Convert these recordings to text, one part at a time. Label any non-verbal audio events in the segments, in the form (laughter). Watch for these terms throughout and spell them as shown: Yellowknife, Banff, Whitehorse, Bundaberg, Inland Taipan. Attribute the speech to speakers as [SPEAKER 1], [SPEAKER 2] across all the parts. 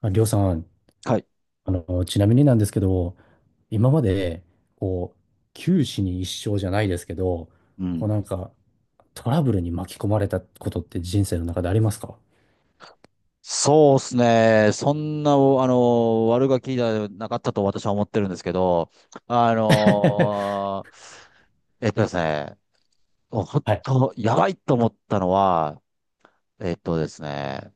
[SPEAKER 1] りょうさん、
[SPEAKER 2] はい。
[SPEAKER 1] ちなみになんですけど、今まで、こう、九死に一生じゃないですけど、
[SPEAKER 2] う
[SPEAKER 1] こう
[SPEAKER 2] ん。
[SPEAKER 1] なんか、トラブルに巻き込まれたことって人生の中でありますか？
[SPEAKER 2] そうですね。そんな、おあの、悪ガキじゃなかったと私は思ってるんですけど、あ
[SPEAKER 1] (laughs)
[SPEAKER 2] の、えっとですね、本
[SPEAKER 1] はい。
[SPEAKER 2] 当、やばいと思ったのは、えっとですね、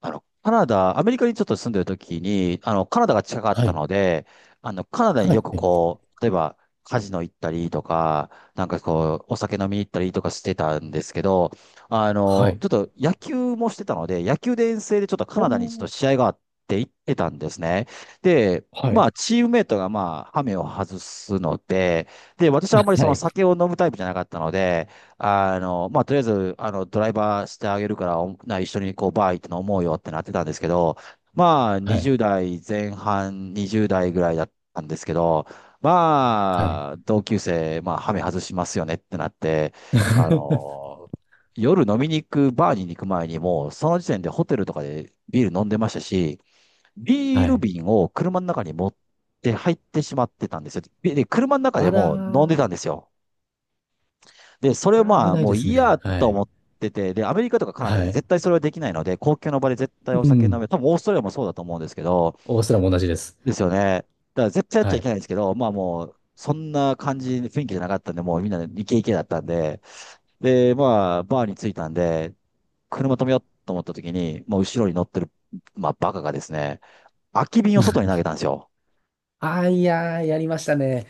[SPEAKER 2] あの、カナダ、アメリカにちょっと住んでる時に、あの、カナダが近かっ
[SPEAKER 1] は
[SPEAKER 2] た
[SPEAKER 1] い。
[SPEAKER 2] ので、あの、カナダに
[SPEAKER 1] は
[SPEAKER 2] よく
[SPEAKER 1] い。
[SPEAKER 2] こう、例えば、カジノ行ったりとか、なんかこう、お酒飲みに行ったりとかしてたんですけど、あ
[SPEAKER 1] は
[SPEAKER 2] の、
[SPEAKER 1] い。
[SPEAKER 2] ちょっと野球もしてたので、野球で遠征でちょっとカ
[SPEAKER 1] お
[SPEAKER 2] ナダにちょっと
[SPEAKER 1] ー。
[SPEAKER 2] 試合があって行ってたんですね。で、
[SPEAKER 1] は
[SPEAKER 2] ま
[SPEAKER 1] い。
[SPEAKER 2] あ、チームメイトがまあ、ハメを外すので、で、私はあ
[SPEAKER 1] は
[SPEAKER 2] んまりその
[SPEAKER 1] い。
[SPEAKER 2] 酒を飲むタイプじゃなかったので、あの、まあ、とりあえず、あの、ドライバーしてあげるから、一緒にこう、バー行って飲もうよってなってたんですけど、まあ、
[SPEAKER 1] はい。
[SPEAKER 2] 20代前半、20代ぐらいだったんですけど、
[SPEAKER 1] はい。
[SPEAKER 2] まあ、同級生、まあ、ハメ外しますよねってなって、あ
[SPEAKER 1] (laughs)
[SPEAKER 2] の、夜飲みに行く、バーに行く前にもう、その時点でホテルとかでビール飲んでましたし、ビー
[SPEAKER 1] は
[SPEAKER 2] ル
[SPEAKER 1] い。
[SPEAKER 2] 瓶を車の中に持って入ってしまってたんですよ。で、車の中で
[SPEAKER 1] あら
[SPEAKER 2] も飲んでたん
[SPEAKER 1] ー。
[SPEAKER 2] ですよ。で、それを
[SPEAKER 1] あー、
[SPEAKER 2] ま
[SPEAKER 1] 危
[SPEAKER 2] あ、
[SPEAKER 1] ない
[SPEAKER 2] も
[SPEAKER 1] で
[SPEAKER 2] う
[SPEAKER 1] す
[SPEAKER 2] いい
[SPEAKER 1] ね。
[SPEAKER 2] や
[SPEAKER 1] は
[SPEAKER 2] と
[SPEAKER 1] い。
[SPEAKER 2] 思ってて、で、アメリカとかカナダ
[SPEAKER 1] は
[SPEAKER 2] で
[SPEAKER 1] い。
[SPEAKER 2] 絶対それはできないので、公共の場で絶対お
[SPEAKER 1] う
[SPEAKER 2] 酒飲
[SPEAKER 1] ん。
[SPEAKER 2] め、多分オーストラリアもそうだと思うんですけど、
[SPEAKER 1] オーストラも同じです。
[SPEAKER 2] ですよね。だから絶対やっちゃ
[SPEAKER 1] は
[SPEAKER 2] い
[SPEAKER 1] い。
[SPEAKER 2] けないんですけど、まあもう、そんな感じ、雰囲気じゃなかったんで、もうみんなイケイケだったんで、で、まあ、バーに着いたんで、車止めようと思った時に、もう後ろに乗ってる、まあ、バカがですね、空き瓶を外に投げた
[SPEAKER 1] (laughs)
[SPEAKER 2] んですよ。
[SPEAKER 1] ああ、いやー、やりましたね。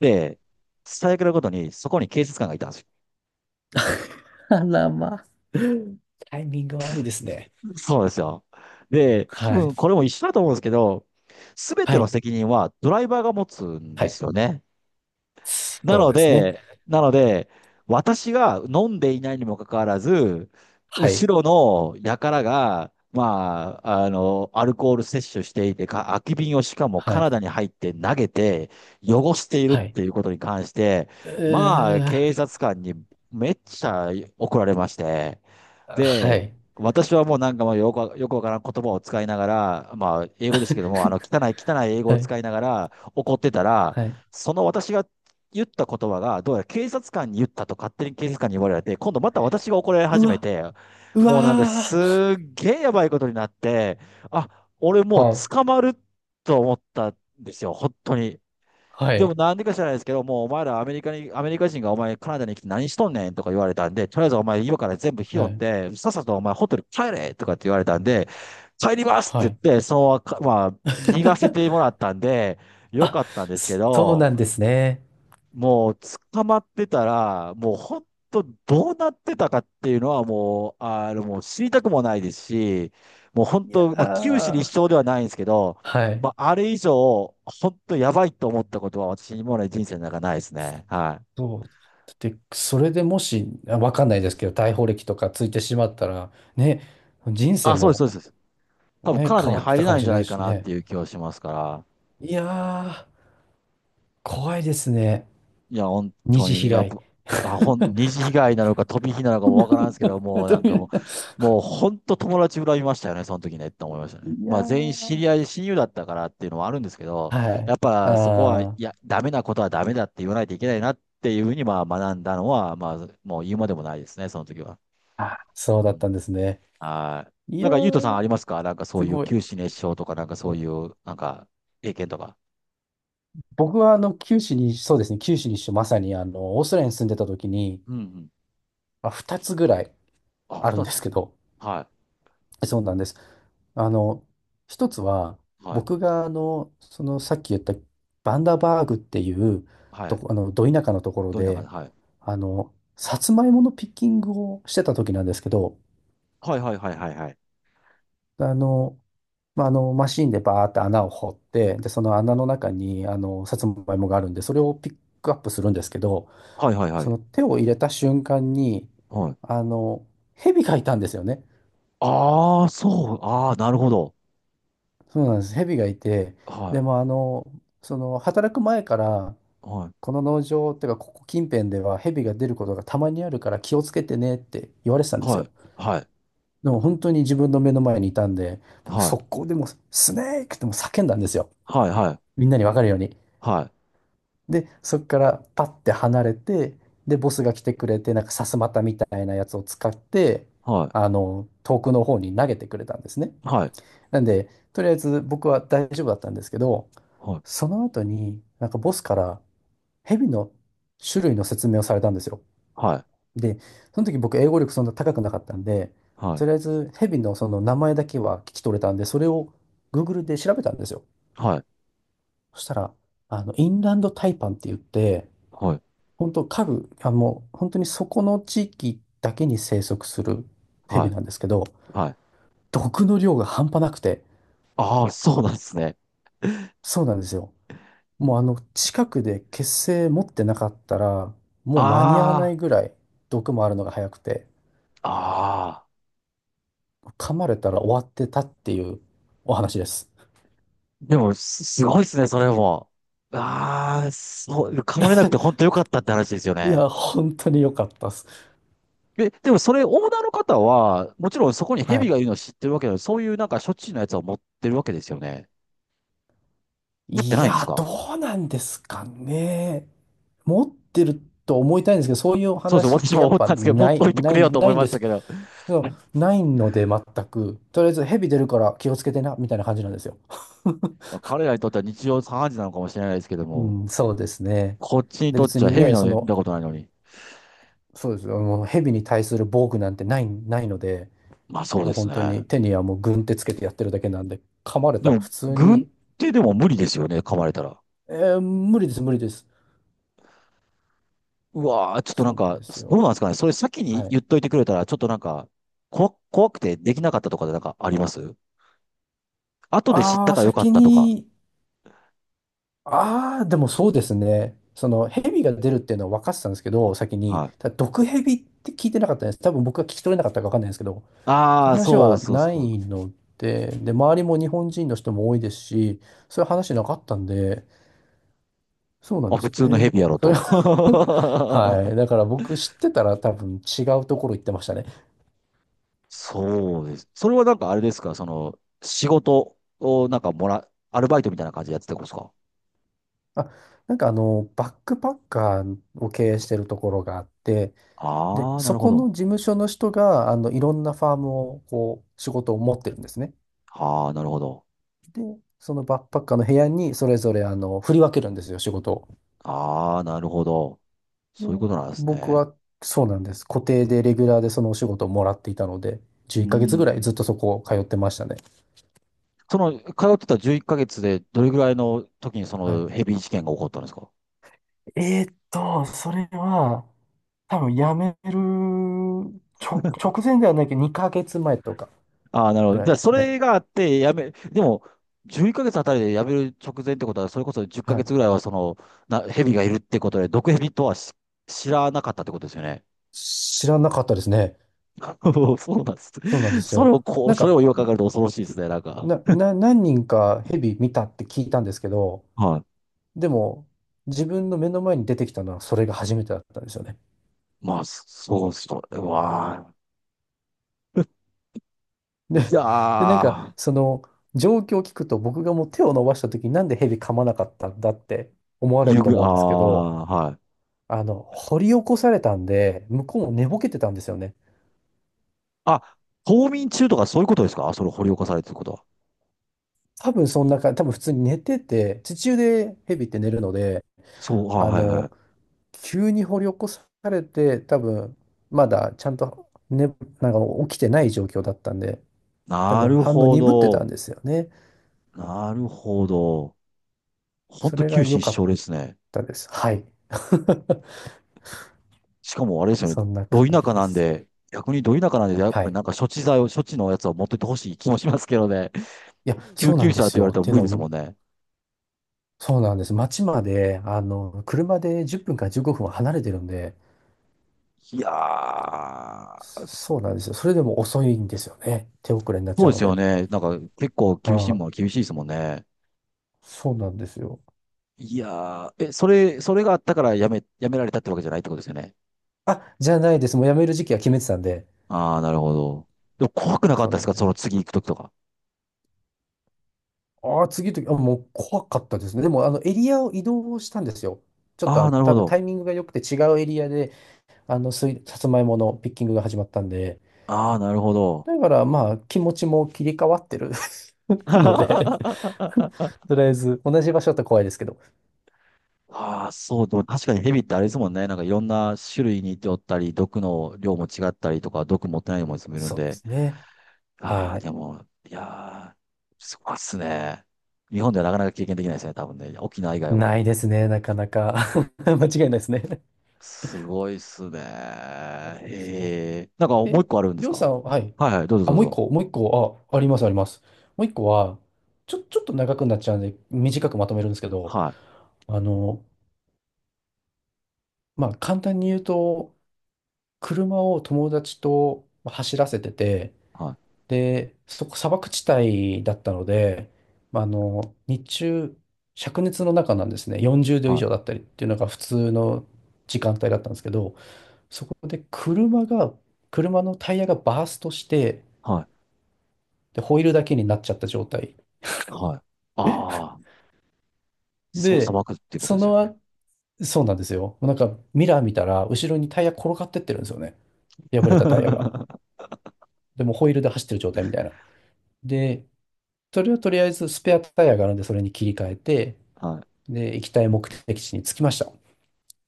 [SPEAKER 2] で、最悪なことに、そこに警察官がいたんですよ。
[SPEAKER 1] あらまあ。タイミング悪いですね。
[SPEAKER 2] そうなんですよ。で、多
[SPEAKER 1] はい。
[SPEAKER 2] 分これも一緒だと思うんですけど、すべて
[SPEAKER 1] は
[SPEAKER 2] の
[SPEAKER 1] い。
[SPEAKER 2] 責任はドライバーが持つん
[SPEAKER 1] は
[SPEAKER 2] で
[SPEAKER 1] い。
[SPEAKER 2] すよね。な
[SPEAKER 1] そう
[SPEAKER 2] の
[SPEAKER 1] ですね。
[SPEAKER 2] で、なので、私が飲んでいないにもかかわらず、
[SPEAKER 1] はい。
[SPEAKER 2] 後ろの輩が、まあ、あの、アルコール摂取していて、空き瓶をしかも
[SPEAKER 1] は
[SPEAKER 2] カ
[SPEAKER 1] い。
[SPEAKER 2] ナダに入って投げて、汚しているっ
[SPEAKER 1] はい。
[SPEAKER 2] ていうことに関して、
[SPEAKER 1] う
[SPEAKER 2] まあ、警
[SPEAKER 1] ー。
[SPEAKER 2] 察官にめっちゃ怒られまして、
[SPEAKER 1] は
[SPEAKER 2] で、
[SPEAKER 1] い。
[SPEAKER 2] 私はもうなんかもうよくわからん言葉を使いながら、まあ、英語ですけども、あの、汚い汚い英
[SPEAKER 1] (laughs)
[SPEAKER 2] 語
[SPEAKER 1] は
[SPEAKER 2] を
[SPEAKER 1] い。
[SPEAKER 2] 使いながら怒ってたら、
[SPEAKER 1] はい。
[SPEAKER 2] その私が言った言葉が、どうやら警察官に言ったと勝手に警察官に言われて、今度また私が怒られ
[SPEAKER 1] う
[SPEAKER 2] 始め
[SPEAKER 1] わ。
[SPEAKER 2] て、
[SPEAKER 1] う
[SPEAKER 2] もうなんかす
[SPEAKER 1] わ
[SPEAKER 2] っげえやばいことになって、あ、俺もう
[SPEAKER 1] ー。
[SPEAKER 2] 捕まると思ったんですよ、本当に。
[SPEAKER 1] は
[SPEAKER 2] でも
[SPEAKER 1] い。
[SPEAKER 2] なんでか知らないですけど、もうお前らアメリカに、アメリカ人がお前カナダに来て何しとんねんとか言われたんで、とりあえずお前今から全部拾
[SPEAKER 1] は
[SPEAKER 2] っ
[SPEAKER 1] い。
[SPEAKER 2] て、さっさとお前ホテル帰れとかって言われたんで、帰りますっ
[SPEAKER 1] はい。
[SPEAKER 2] て言
[SPEAKER 1] は
[SPEAKER 2] っ
[SPEAKER 1] い。
[SPEAKER 2] て、そう、まあ、逃がせてもら
[SPEAKER 1] (laughs)
[SPEAKER 2] ったんで、よ
[SPEAKER 1] あ、
[SPEAKER 2] かったんですけ
[SPEAKER 1] そう
[SPEAKER 2] ど、
[SPEAKER 1] なんですね。
[SPEAKER 2] もう捕まってたら、もう本当どうなってたかっていうのはもう、あの、もう知りたくもないですし、もう本
[SPEAKER 1] いや
[SPEAKER 2] 当、まあ、九死に一
[SPEAKER 1] ー。
[SPEAKER 2] 生ではないんですけど、
[SPEAKER 1] はい。
[SPEAKER 2] まあ、あれ以上、本当やばいと思ったことは私にもで人生の中ないですね。はい。
[SPEAKER 1] そう。だって、それでもし、わかんないですけど、逮捕歴とかついてしまったら、ね、人生
[SPEAKER 2] あ、そうです、そ
[SPEAKER 1] も、
[SPEAKER 2] うです。そうです、多分カ
[SPEAKER 1] ね、
[SPEAKER 2] ナダ
[SPEAKER 1] 変
[SPEAKER 2] に
[SPEAKER 1] わって
[SPEAKER 2] 入
[SPEAKER 1] た
[SPEAKER 2] れ
[SPEAKER 1] か
[SPEAKER 2] な
[SPEAKER 1] も
[SPEAKER 2] いん
[SPEAKER 1] し
[SPEAKER 2] じゃ
[SPEAKER 1] れ
[SPEAKER 2] な
[SPEAKER 1] ない
[SPEAKER 2] いか
[SPEAKER 1] し
[SPEAKER 2] なっ
[SPEAKER 1] ね。
[SPEAKER 2] ていう気はしますから。
[SPEAKER 1] いやー、怖いですね。
[SPEAKER 2] いや、本
[SPEAKER 1] 二
[SPEAKER 2] 当
[SPEAKER 1] 次
[SPEAKER 2] に、
[SPEAKER 1] 被
[SPEAKER 2] やっ
[SPEAKER 1] 害。
[SPEAKER 2] ぱ、あ、二次
[SPEAKER 1] (laughs)
[SPEAKER 2] 被害なのか飛び火なのかもわからんすけど、もうな
[SPEAKER 1] ど
[SPEAKER 2] ん
[SPEAKER 1] うい
[SPEAKER 2] かも
[SPEAKER 1] う、
[SPEAKER 2] う、もう本当友達恨みましたよね、その時ねって思いましたね。
[SPEAKER 1] いや
[SPEAKER 2] まあ全員知
[SPEAKER 1] ー、
[SPEAKER 2] り合い、親友だったからっていうのはあるんですけど、
[SPEAKER 1] は
[SPEAKER 2] や
[SPEAKER 1] い。
[SPEAKER 2] っ
[SPEAKER 1] あ
[SPEAKER 2] ぱそこは、い
[SPEAKER 1] ー、
[SPEAKER 2] や、ダメなことはダメだって言わないといけないなっていうふうに、まあ学んだのは、まあもう言うまでもないですね、その時は。
[SPEAKER 1] あ、そう
[SPEAKER 2] う
[SPEAKER 1] だったん
[SPEAKER 2] ん。
[SPEAKER 1] ですね。
[SPEAKER 2] はい。
[SPEAKER 1] い
[SPEAKER 2] な
[SPEAKER 1] や
[SPEAKER 2] んか、ゆうとさん
[SPEAKER 1] ー、
[SPEAKER 2] ありますか？なんかそう
[SPEAKER 1] す
[SPEAKER 2] いう
[SPEAKER 1] ごい。
[SPEAKER 2] 九死熱傷とか、なんかそういう、なんか、経験とか。
[SPEAKER 1] 僕は九州に、そうですね、九州にしてまさにオーストラリアに住んでた時に、
[SPEAKER 2] うんうん。
[SPEAKER 1] 2つぐらい
[SPEAKER 2] あ、
[SPEAKER 1] あるん
[SPEAKER 2] 二
[SPEAKER 1] です
[SPEAKER 2] つ。
[SPEAKER 1] けど、
[SPEAKER 2] は
[SPEAKER 1] そうなんです。あの、一つは、
[SPEAKER 2] い。はい。
[SPEAKER 1] 僕が、さっき言ったバンダバーグっていう
[SPEAKER 2] は
[SPEAKER 1] と
[SPEAKER 2] い。
[SPEAKER 1] こ、ど田舎のところ
[SPEAKER 2] どういう中
[SPEAKER 1] で、
[SPEAKER 2] で、はい。
[SPEAKER 1] さつまいものピッキングをしてた時なんですけど、
[SPEAKER 2] はいはいはいはいはい。
[SPEAKER 1] あの、マシンでバーって穴を掘って、で、その穴の中に、さつまいもがあるんで、それをピックアップするんですけど、
[SPEAKER 2] はいはいは
[SPEAKER 1] そ
[SPEAKER 2] い。
[SPEAKER 1] の手を入れた瞬間に、
[SPEAKER 2] はい。
[SPEAKER 1] あの、蛇がいたんですよね。
[SPEAKER 2] ああ、そう。ああ、なるほど。
[SPEAKER 1] そうなんです。蛇がいて、で
[SPEAKER 2] は
[SPEAKER 1] もその働く前から、
[SPEAKER 2] い。はい。
[SPEAKER 1] この農場っていうか、ここ近辺では蛇が出ることがたまにあるから気をつけてねって言われてたんです
[SPEAKER 2] はい。
[SPEAKER 1] よ。でも本当に自分の目の前にいたんで、僕
[SPEAKER 2] はい。
[SPEAKER 1] 速攻でもうスネークってもう叫んだんですよ。
[SPEAKER 2] はい。
[SPEAKER 1] みんなにわかるように。
[SPEAKER 2] はい。
[SPEAKER 1] で、そこからパッて離れて、で、ボスが来てくれて、なんかさすまたみたいなやつを使って、
[SPEAKER 2] はい。
[SPEAKER 1] 遠くの方に投げてくれたんですね。
[SPEAKER 2] はい。
[SPEAKER 1] なんで、とりあえず僕は大丈夫だったんですけど、その後になんかボスから蛇の種類の説明をされたんですよ。
[SPEAKER 2] はい。
[SPEAKER 1] で、その時僕英語力そんな高くなかったんで、
[SPEAKER 2] はい。
[SPEAKER 1] とりあえず蛇のその名前だけは聞き取れたんで、それを Google で調べたんですよ。
[SPEAKER 2] はい。
[SPEAKER 1] そしたら、インランドタイパンって言って、
[SPEAKER 2] はい。はい。はい。
[SPEAKER 1] 本当家具、あ、もう本当にそこの地域だけに生息する
[SPEAKER 2] は
[SPEAKER 1] 蛇
[SPEAKER 2] い。
[SPEAKER 1] なんですけど、
[SPEAKER 2] はい。はい。
[SPEAKER 1] 毒の量が半端なくて、
[SPEAKER 2] ああ、そうなんですね。
[SPEAKER 1] そうなんですよ。もう近くで血清持ってなかったら、もう間に合わな
[SPEAKER 2] あ
[SPEAKER 1] いぐらい毒もあるのが早くて、
[SPEAKER 2] あ、ああ。
[SPEAKER 1] 噛まれたら終わってたっていうお話です。
[SPEAKER 2] でも、すごいですね、それも。ああ、そう、噛まれなくて本当
[SPEAKER 1] (laughs)
[SPEAKER 2] よかったって話ですよ
[SPEAKER 1] い
[SPEAKER 2] ね。
[SPEAKER 1] や、本当に良かったです。
[SPEAKER 2] え、でもそれ、オーナーの方は、もちろんそこに
[SPEAKER 1] は
[SPEAKER 2] 蛇
[SPEAKER 1] い。
[SPEAKER 2] がいるのを知ってるわけでそういうなんか処置のやつを持ってるわけですよね。持って
[SPEAKER 1] い
[SPEAKER 2] ないんです
[SPEAKER 1] や、
[SPEAKER 2] か？
[SPEAKER 1] どうなんですかね。持ってると思いたいんですけど、そういうお
[SPEAKER 2] そうですよ。
[SPEAKER 1] 話っ
[SPEAKER 2] 私
[SPEAKER 1] て
[SPEAKER 2] も
[SPEAKER 1] やっ
[SPEAKER 2] 思っ
[SPEAKER 1] ぱ
[SPEAKER 2] たんですけど、持
[SPEAKER 1] な
[SPEAKER 2] っと
[SPEAKER 1] い、
[SPEAKER 2] いてく
[SPEAKER 1] な
[SPEAKER 2] れ
[SPEAKER 1] い、
[SPEAKER 2] よと思
[SPEAKER 1] な
[SPEAKER 2] い
[SPEAKER 1] いん
[SPEAKER 2] ま
[SPEAKER 1] で
[SPEAKER 2] した
[SPEAKER 1] す。
[SPEAKER 2] けど。
[SPEAKER 1] うん。
[SPEAKER 2] (laughs)
[SPEAKER 1] ないので全く、とりあえず蛇出るから気をつけてな、みたいな感じなんですよ。(laughs)
[SPEAKER 2] 彼らにとっては日常茶飯事なのかもしれないですけども、
[SPEAKER 1] うん、そうですね。
[SPEAKER 2] こっちに
[SPEAKER 1] で、
[SPEAKER 2] とっ
[SPEAKER 1] 別
[SPEAKER 2] ちゃ
[SPEAKER 1] に
[SPEAKER 2] 蛇
[SPEAKER 1] ね、
[SPEAKER 2] の
[SPEAKER 1] そ
[SPEAKER 2] 見
[SPEAKER 1] の、
[SPEAKER 2] たことないのに。
[SPEAKER 1] そうです。もう蛇に対する防具なんてない、ないので、
[SPEAKER 2] まあそう
[SPEAKER 1] もう
[SPEAKER 2] です
[SPEAKER 1] 本
[SPEAKER 2] ね。
[SPEAKER 1] 当に手にはもう軍手つけてやってるだけなんで、噛まれ
[SPEAKER 2] で
[SPEAKER 1] たら
[SPEAKER 2] も、
[SPEAKER 1] 普通
[SPEAKER 2] 軍
[SPEAKER 1] に、
[SPEAKER 2] 手でも無理ですよね、噛まれたら。
[SPEAKER 1] えー無理です、無理です。
[SPEAKER 2] うわー、ちょっとな
[SPEAKER 1] そ
[SPEAKER 2] ん
[SPEAKER 1] うなん
[SPEAKER 2] か、
[SPEAKER 1] です
[SPEAKER 2] どうなん
[SPEAKER 1] よ。
[SPEAKER 2] ですかね。それ先に
[SPEAKER 1] はい。
[SPEAKER 2] 言っといてくれたら、ちょっとなんか、怖くてできなかったとかでなんかあります？後で知った
[SPEAKER 1] ああ、
[SPEAKER 2] からよかっ
[SPEAKER 1] 先
[SPEAKER 2] たとか。
[SPEAKER 1] に、ああ、でもそうですね。その蛇が出るっていうのは分かってたんですけど、先に、
[SPEAKER 2] はい。
[SPEAKER 1] ただ毒蛇って聞いてなかったんです。多分僕が聞き取れなかったか分かんないんですけど、そういう
[SPEAKER 2] ああ、
[SPEAKER 1] 話
[SPEAKER 2] そう
[SPEAKER 1] は
[SPEAKER 2] そう
[SPEAKER 1] な
[SPEAKER 2] そう。
[SPEAKER 1] いので、で、周りも日本人の人も多いですし、そういう話なかったんで、そうなん
[SPEAKER 2] あ、
[SPEAKER 1] です
[SPEAKER 2] 普
[SPEAKER 1] よ
[SPEAKER 2] 通のヘ
[SPEAKER 1] ね。
[SPEAKER 2] ビやろ
[SPEAKER 1] それ
[SPEAKER 2] と。
[SPEAKER 1] は (laughs) は
[SPEAKER 2] (laughs)
[SPEAKER 1] い。だから僕知ってたら多分違うところ行ってましたね。
[SPEAKER 2] そうです。それはなんかあれですかその、仕事をなんかアルバイトみたいな感じでやってたんですか？
[SPEAKER 1] あ、なんかバックパッカーを経営してるところがあって、で、
[SPEAKER 2] ああー、な
[SPEAKER 1] そ
[SPEAKER 2] るほ
[SPEAKER 1] この
[SPEAKER 2] ど。
[SPEAKER 1] 事務所の人が、いろんなファームを、こう、仕事を持ってるんですね。
[SPEAKER 2] ああ、なるほど。
[SPEAKER 1] で、そのバックパッカーの部屋にそれぞれ、振り分けるんですよ、仕事を。
[SPEAKER 2] ああ、なるほど。そういう
[SPEAKER 1] で、
[SPEAKER 2] ことなんです
[SPEAKER 1] 僕
[SPEAKER 2] ね。
[SPEAKER 1] はそうなんです。固定でレギュラーでそのお仕事をもらっていたので、
[SPEAKER 2] う
[SPEAKER 1] 11ヶ月
[SPEAKER 2] ー
[SPEAKER 1] ぐらい
[SPEAKER 2] ん。
[SPEAKER 1] ずっとそこを通ってましたね。
[SPEAKER 2] その、通ってた11ヶ月でどれぐらいの時にそ
[SPEAKER 1] はい。
[SPEAKER 2] のヘビ事件が起こったんですか？
[SPEAKER 1] それは、多分辞める直前ではないけど、2ヶ月前とか
[SPEAKER 2] ああ、なるほ
[SPEAKER 1] ぐ
[SPEAKER 2] ど。
[SPEAKER 1] ら
[SPEAKER 2] じ
[SPEAKER 1] い
[SPEAKER 2] ゃあ、
[SPEAKER 1] でし
[SPEAKER 2] そ
[SPEAKER 1] たね。
[SPEAKER 2] れがあって、やめ、でも、11ヶ月あたりでやめる直前ってことは、それこそ10ヶ
[SPEAKER 1] は
[SPEAKER 2] 月
[SPEAKER 1] い。
[SPEAKER 2] ぐらいは、その、蛇がいるってことで、毒蛇とは知らなかったってことですよね。
[SPEAKER 1] 知らなかったですね。
[SPEAKER 2] (laughs) そうなんです。
[SPEAKER 1] そうなんです
[SPEAKER 2] それ
[SPEAKER 1] よ。
[SPEAKER 2] をこう、
[SPEAKER 1] なん
[SPEAKER 2] それを
[SPEAKER 1] か、
[SPEAKER 2] 言いかえると恐ろしいです
[SPEAKER 1] ひ
[SPEAKER 2] ね、なんか。
[SPEAKER 1] な、な、何人かヘビ見たって聞いたんですけど、
[SPEAKER 2] はい。
[SPEAKER 1] でも、自分の目の前に出てきたのはそれが初めてだったんですよね。
[SPEAKER 2] まあ、それは、
[SPEAKER 1] で、
[SPEAKER 2] いや
[SPEAKER 1] で、なんか、
[SPEAKER 2] ー、
[SPEAKER 1] その、状況を聞くと、僕がもう手を伸ばした時になんでヘビ噛まなかったんだって思われると思
[SPEAKER 2] あ
[SPEAKER 1] うんですけど、
[SPEAKER 2] あ、はい。
[SPEAKER 1] 掘り起こされたんで、向こうも寝ぼけてたんですよね。
[SPEAKER 2] あ、冬眠中とかそういうことですか？それ掘り起こされてることは。
[SPEAKER 1] 多分そんなか、多分普通に寝てて、地中でヘビって寝るので、
[SPEAKER 2] そう、あ、
[SPEAKER 1] あ
[SPEAKER 2] はいは
[SPEAKER 1] の、
[SPEAKER 2] い。
[SPEAKER 1] 急に掘り起こされて、多分まだちゃんと、ね、なんか起きてない状況だったんで、多
[SPEAKER 2] な
[SPEAKER 1] 分
[SPEAKER 2] る
[SPEAKER 1] 反応
[SPEAKER 2] ほ
[SPEAKER 1] 鈍ってた
[SPEAKER 2] ど。
[SPEAKER 1] んですよね。
[SPEAKER 2] なるほど。ほん
[SPEAKER 1] そ
[SPEAKER 2] と
[SPEAKER 1] れが
[SPEAKER 2] 九死
[SPEAKER 1] 良か
[SPEAKER 2] 一
[SPEAKER 1] っ
[SPEAKER 2] 生ですね。
[SPEAKER 1] たです。はい。(laughs)
[SPEAKER 2] しかもあれですよね。
[SPEAKER 1] そんな
[SPEAKER 2] ど
[SPEAKER 1] 感
[SPEAKER 2] 田
[SPEAKER 1] じ
[SPEAKER 2] 舎
[SPEAKER 1] で
[SPEAKER 2] なん
[SPEAKER 1] す。
[SPEAKER 2] で、逆にど田舎なんで、やっ
[SPEAKER 1] は
[SPEAKER 2] ぱり
[SPEAKER 1] い。
[SPEAKER 2] なんか処置のやつを持ってってほしい気もしますけどね。
[SPEAKER 1] いや、
[SPEAKER 2] 救
[SPEAKER 1] そうな
[SPEAKER 2] 急
[SPEAKER 1] んで
[SPEAKER 2] 車っ
[SPEAKER 1] す
[SPEAKER 2] て言わ
[SPEAKER 1] よ。
[SPEAKER 2] れ
[SPEAKER 1] っ
[SPEAKER 2] たら
[SPEAKER 1] ていう
[SPEAKER 2] 無理
[SPEAKER 1] の
[SPEAKER 2] です
[SPEAKER 1] も、
[SPEAKER 2] もんね。
[SPEAKER 1] そうなんです。町まで、車で10分から15分は離れてるんで、
[SPEAKER 2] いやー、
[SPEAKER 1] そうなんですよ。それでも遅いんですよね。手遅れになっ
[SPEAKER 2] そ
[SPEAKER 1] ち
[SPEAKER 2] う
[SPEAKER 1] ゃ
[SPEAKER 2] で
[SPEAKER 1] うの
[SPEAKER 2] すよ
[SPEAKER 1] で。
[SPEAKER 2] ね。なんか結構厳しいも
[SPEAKER 1] は
[SPEAKER 2] のは
[SPEAKER 1] い。
[SPEAKER 2] 厳しいですもんね。
[SPEAKER 1] そうなんですよ。
[SPEAKER 2] いやー、え、それがあったからやめ、やめられたってわけじゃないってことですよね。
[SPEAKER 1] あ、じゃないです。もう辞める時期は決めてたんで。
[SPEAKER 2] あー、なるほど。でも怖くなかっ
[SPEAKER 1] そう
[SPEAKER 2] たで
[SPEAKER 1] な
[SPEAKER 2] す
[SPEAKER 1] ん
[SPEAKER 2] か
[SPEAKER 1] で
[SPEAKER 2] その
[SPEAKER 1] す。
[SPEAKER 2] 次行くときとか。
[SPEAKER 1] ああ、次の時、あ、もう怖かったですね。でも、エリアを移動したんですよ。ちょっと、
[SPEAKER 2] あー、なるほ
[SPEAKER 1] 多分
[SPEAKER 2] ど。
[SPEAKER 1] タイミングが良くて違うエリアで、さつまいものピッキングが始まったんで。
[SPEAKER 2] あー、なるほど。
[SPEAKER 1] だから、気持ちも切り替わってる (laughs) ので
[SPEAKER 2] (laughs)
[SPEAKER 1] (laughs) とりあえず、同じ場所だったら怖いですけど。
[SPEAKER 2] ああ、そう、でも確かにヘビってあれですもんね。なんかいろんな種類にいておったり、毒の量も違ったりとか、毒持ってないのもいるん
[SPEAKER 1] そうで
[SPEAKER 2] で。
[SPEAKER 1] すね。
[SPEAKER 2] あ
[SPEAKER 1] は
[SPEAKER 2] あ、
[SPEAKER 1] い。
[SPEAKER 2] でも、いやー、すごいっすね。日本ではなかなか経験できないですね、多分ね。沖縄以外
[SPEAKER 1] な
[SPEAKER 2] は。
[SPEAKER 1] いですね、なかなか。(laughs) 間違いないですね。
[SPEAKER 2] すごいっすね。
[SPEAKER 1] そうなんですよ。
[SPEAKER 2] ええ。なんかもう一
[SPEAKER 1] え、
[SPEAKER 2] 個あるんで
[SPEAKER 1] り
[SPEAKER 2] す
[SPEAKER 1] ょうさ
[SPEAKER 2] か？
[SPEAKER 1] ん、はい。
[SPEAKER 2] はいはい、どうぞ
[SPEAKER 1] あ、
[SPEAKER 2] どう
[SPEAKER 1] もう一
[SPEAKER 2] ぞ。
[SPEAKER 1] 個、もう一個、あ、あります、あります。もう一個は、ちょっと長くなっちゃうんで、短くまとめるんですけど、
[SPEAKER 2] はい、
[SPEAKER 1] あの、簡単に言うと、車を友達と走らせてて、
[SPEAKER 2] はい、
[SPEAKER 1] で、そこ、砂漠地帯だったので、日中、灼熱の中なんですね、40度以
[SPEAKER 2] はい、
[SPEAKER 1] 上だったりっていうのが普通の時間帯だったんですけど、そこで車が、車のタイヤがバーストして、
[SPEAKER 2] はい、
[SPEAKER 1] で、ホイールだけになっちゃった状態。
[SPEAKER 2] はい。ああ、しかも砂
[SPEAKER 1] で、
[SPEAKER 2] 漠っていうこと
[SPEAKER 1] そ
[SPEAKER 2] ですよ
[SPEAKER 1] の
[SPEAKER 2] ね。
[SPEAKER 1] あ、そうなんですよ。なんかミラー見たら、後ろにタイヤ転がってってるんですよね。破
[SPEAKER 2] (laughs)
[SPEAKER 1] れたタイヤが。
[SPEAKER 2] は
[SPEAKER 1] でもホイールで走ってる状態みたいな。で、それをとりあえずスペアタイヤがあるんで、それに切り替えて、
[SPEAKER 2] い、
[SPEAKER 1] で、行きたい目的地に着きました。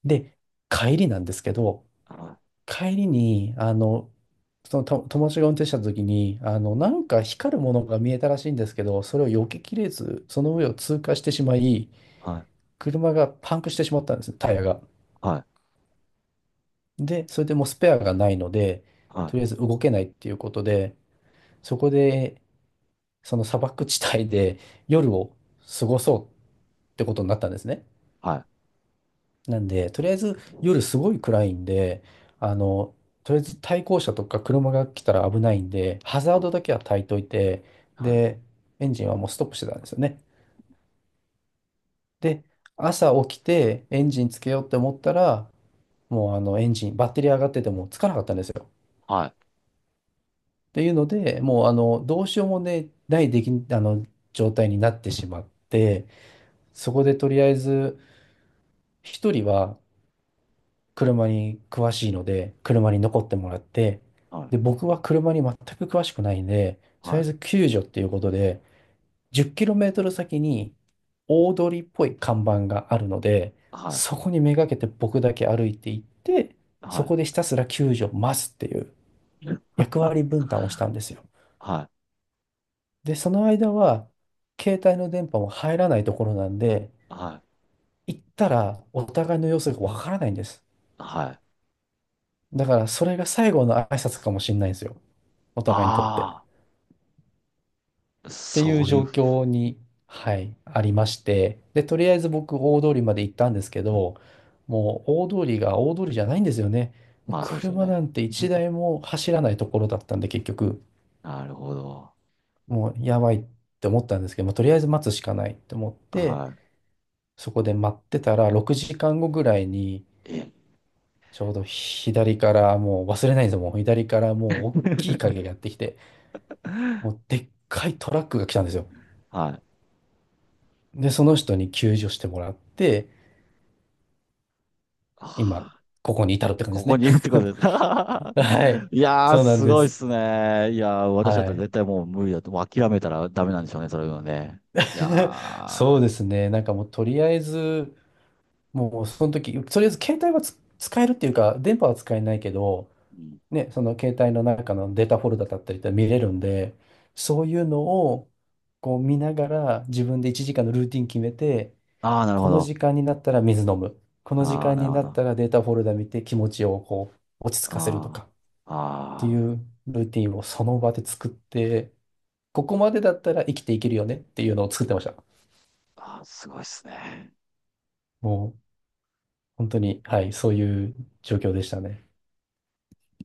[SPEAKER 1] で、帰りなんですけど、
[SPEAKER 2] はい、
[SPEAKER 1] 帰りに、そのと友達が運転した時に、なんか光るものが見えたらしいんですけど、それを避けきれず、その上を通過してしまい、
[SPEAKER 2] はい、
[SPEAKER 1] 車がパンクしてしまったんですね、タイヤが。
[SPEAKER 2] はい、
[SPEAKER 1] で、それでもうスペアがないので、
[SPEAKER 2] は
[SPEAKER 1] とりあえず動けないっていうことで、そこで、その砂漠地帯で夜を過ごそうってことになったんですね。
[SPEAKER 2] い、
[SPEAKER 1] なんで、とりあえず夜すごい暗いんで、あの、とりあえず対向車とか車が来たら危ないんで、ハザー
[SPEAKER 2] はい。
[SPEAKER 1] ドだけは焚いといて、
[SPEAKER 2] はい
[SPEAKER 1] で、エンジンはもうストップしてたんですよね。で、朝起きてエンジンつけようって思ったら、もうエンジン、バッテリー上がっててもつかなかったんですよ。
[SPEAKER 2] はい。
[SPEAKER 1] っていうので、もうあの、どうしようもね、ないでき、あの、状態になってしまって、そこでとりあえず、一人は車に詳しいので、車に残ってもらって、
[SPEAKER 2] はい。
[SPEAKER 1] で、僕は車に全く詳しくないんで、とり
[SPEAKER 2] は
[SPEAKER 1] あえ
[SPEAKER 2] い。
[SPEAKER 1] ず救助っていうことで、10キロメートル先に大通りっぽい看板があるので、
[SPEAKER 2] はい。
[SPEAKER 1] そこにめがけて僕だけ歩いていって、
[SPEAKER 2] は
[SPEAKER 1] そ
[SPEAKER 2] い。
[SPEAKER 1] こでひたすら救助を待つっていう役割分担をしたんですよ。
[SPEAKER 2] はい。
[SPEAKER 1] で、その間は、携帯の電波も入らないところなんで、
[SPEAKER 2] は
[SPEAKER 1] 行ったらお互いの様子がわからないんです。
[SPEAKER 2] い。はい。
[SPEAKER 1] だから、それが最後の挨拶かもしれないんですよ。お互いにとって。っ
[SPEAKER 2] ああ、
[SPEAKER 1] てい
[SPEAKER 2] そ
[SPEAKER 1] う
[SPEAKER 2] うい
[SPEAKER 1] 状
[SPEAKER 2] う、
[SPEAKER 1] 況に、はい、ありまして。で、とりあえず僕、大通りまで行ったんですけど、もう大通りが大通りじゃないんですよね。もう
[SPEAKER 2] まあそうですよ
[SPEAKER 1] 車
[SPEAKER 2] ね。
[SPEAKER 1] なんて一
[SPEAKER 2] (laughs)
[SPEAKER 1] 台も走らないところだったんで、結局、
[SPEAKER 2] なるほど。
[SPEAKER 1] もうやばいって思ったんですけど、もうとりあえず待つしかないって思って、
[SPEAKER 2] は
[SPEAKER 1] そこで待ってたら、6時間後ぐらいに、
[SPEAKER 2] い。え、
[SPEAKER 1] ちょうど左から、もう忘れないんですよ、もう左からもう大きい影
[SPEAKER 2] (laughs)
[SPEAKER 1] がやってきて、もうでっかいトラックが来たんですよ。
[SPEAKER 2] はい。
[SPEAKER 1] で、その人に救助してもらって、今、
[SPEAKER 2] あ
[SPEAKER 1] ここに至るって感
[SPEAKER 2] こ
[SPEAKER 1] じ
[SPEAKER 2] こ
[SPEAKER 1] で
[SPEAKER 2] にいるって
[SPEAKER 1] す
[SPEAKER 2] こ
[SPEAKER 1] ね。
[SPEAKER 2] とです。
[SPEAKER 1] (laughs) は
[SPEAKER 2] (laughs)
[SPEAKER 1] い。
[SPEAKER 2] いやー、
[SPEAKER 1] そうなん
[SPEAKER 2] す
[SPEAKER 1] で
[SPEAKER 2] ごいっ
[SPEAKER 1] す。
[SPEAKER 2] すね。いやー、私だっ
[SPEAKER 1] は
[SPEAKER 2] たら
[SPEAKER 1] い。
[SPEAKER 2] 絶対もう無理だと、もう諦めたらダメなんでしょうね、それはね。いや
[SPEAKER 1] (laughs) そう
[SPEAKER 2] ー、
[SPEAKER 1] ですね。なんかもうとりあえず、もうその時、とりあえず携帯は使えるっていうか、電波は使えないけど、
[SPEAKER 2] うん
[SPEAKER 1] ね、その携帯の中のデータフォルダだったりって見れるんで、そういうのをこう見ながら自分で1時間のルーティン決めて、
[SPEAKER 2] あー、なる
[SPEAKER 1] こ
[SPEAKER 2] ほ
[SPEAKER 1] の
[SPEAKER 2] ど。
[SPEAKER 1] 時間になったら水飲む。この時
[SPEAKER 2] あー、
[SPEAKER 1] 間
[SPEAKER 2] な
[SPEAKER 1] に
[SPEAKER 2] るほ
[SPEAKER 1] な
[SPEAKER 2] ど。
[SPEAKER 1] っ
[SPEAKER 2] あ
[SPEAKER 1] たらデータフォルダ見て気持ちをこう落ち着かせると
[SPEAKER 2] ー、
[SPEAKER 1] か。てい
[SPEAKER 2] あー、
[SPEAKER 1] うルーティンをその場で作って、ここまでだったら生きていけるよねっていうのを作ってました。
[SPEAKER 2] あー、すごいっすね。
[SPEAKER 1] もう本当に、はい、そういう状況でしたね。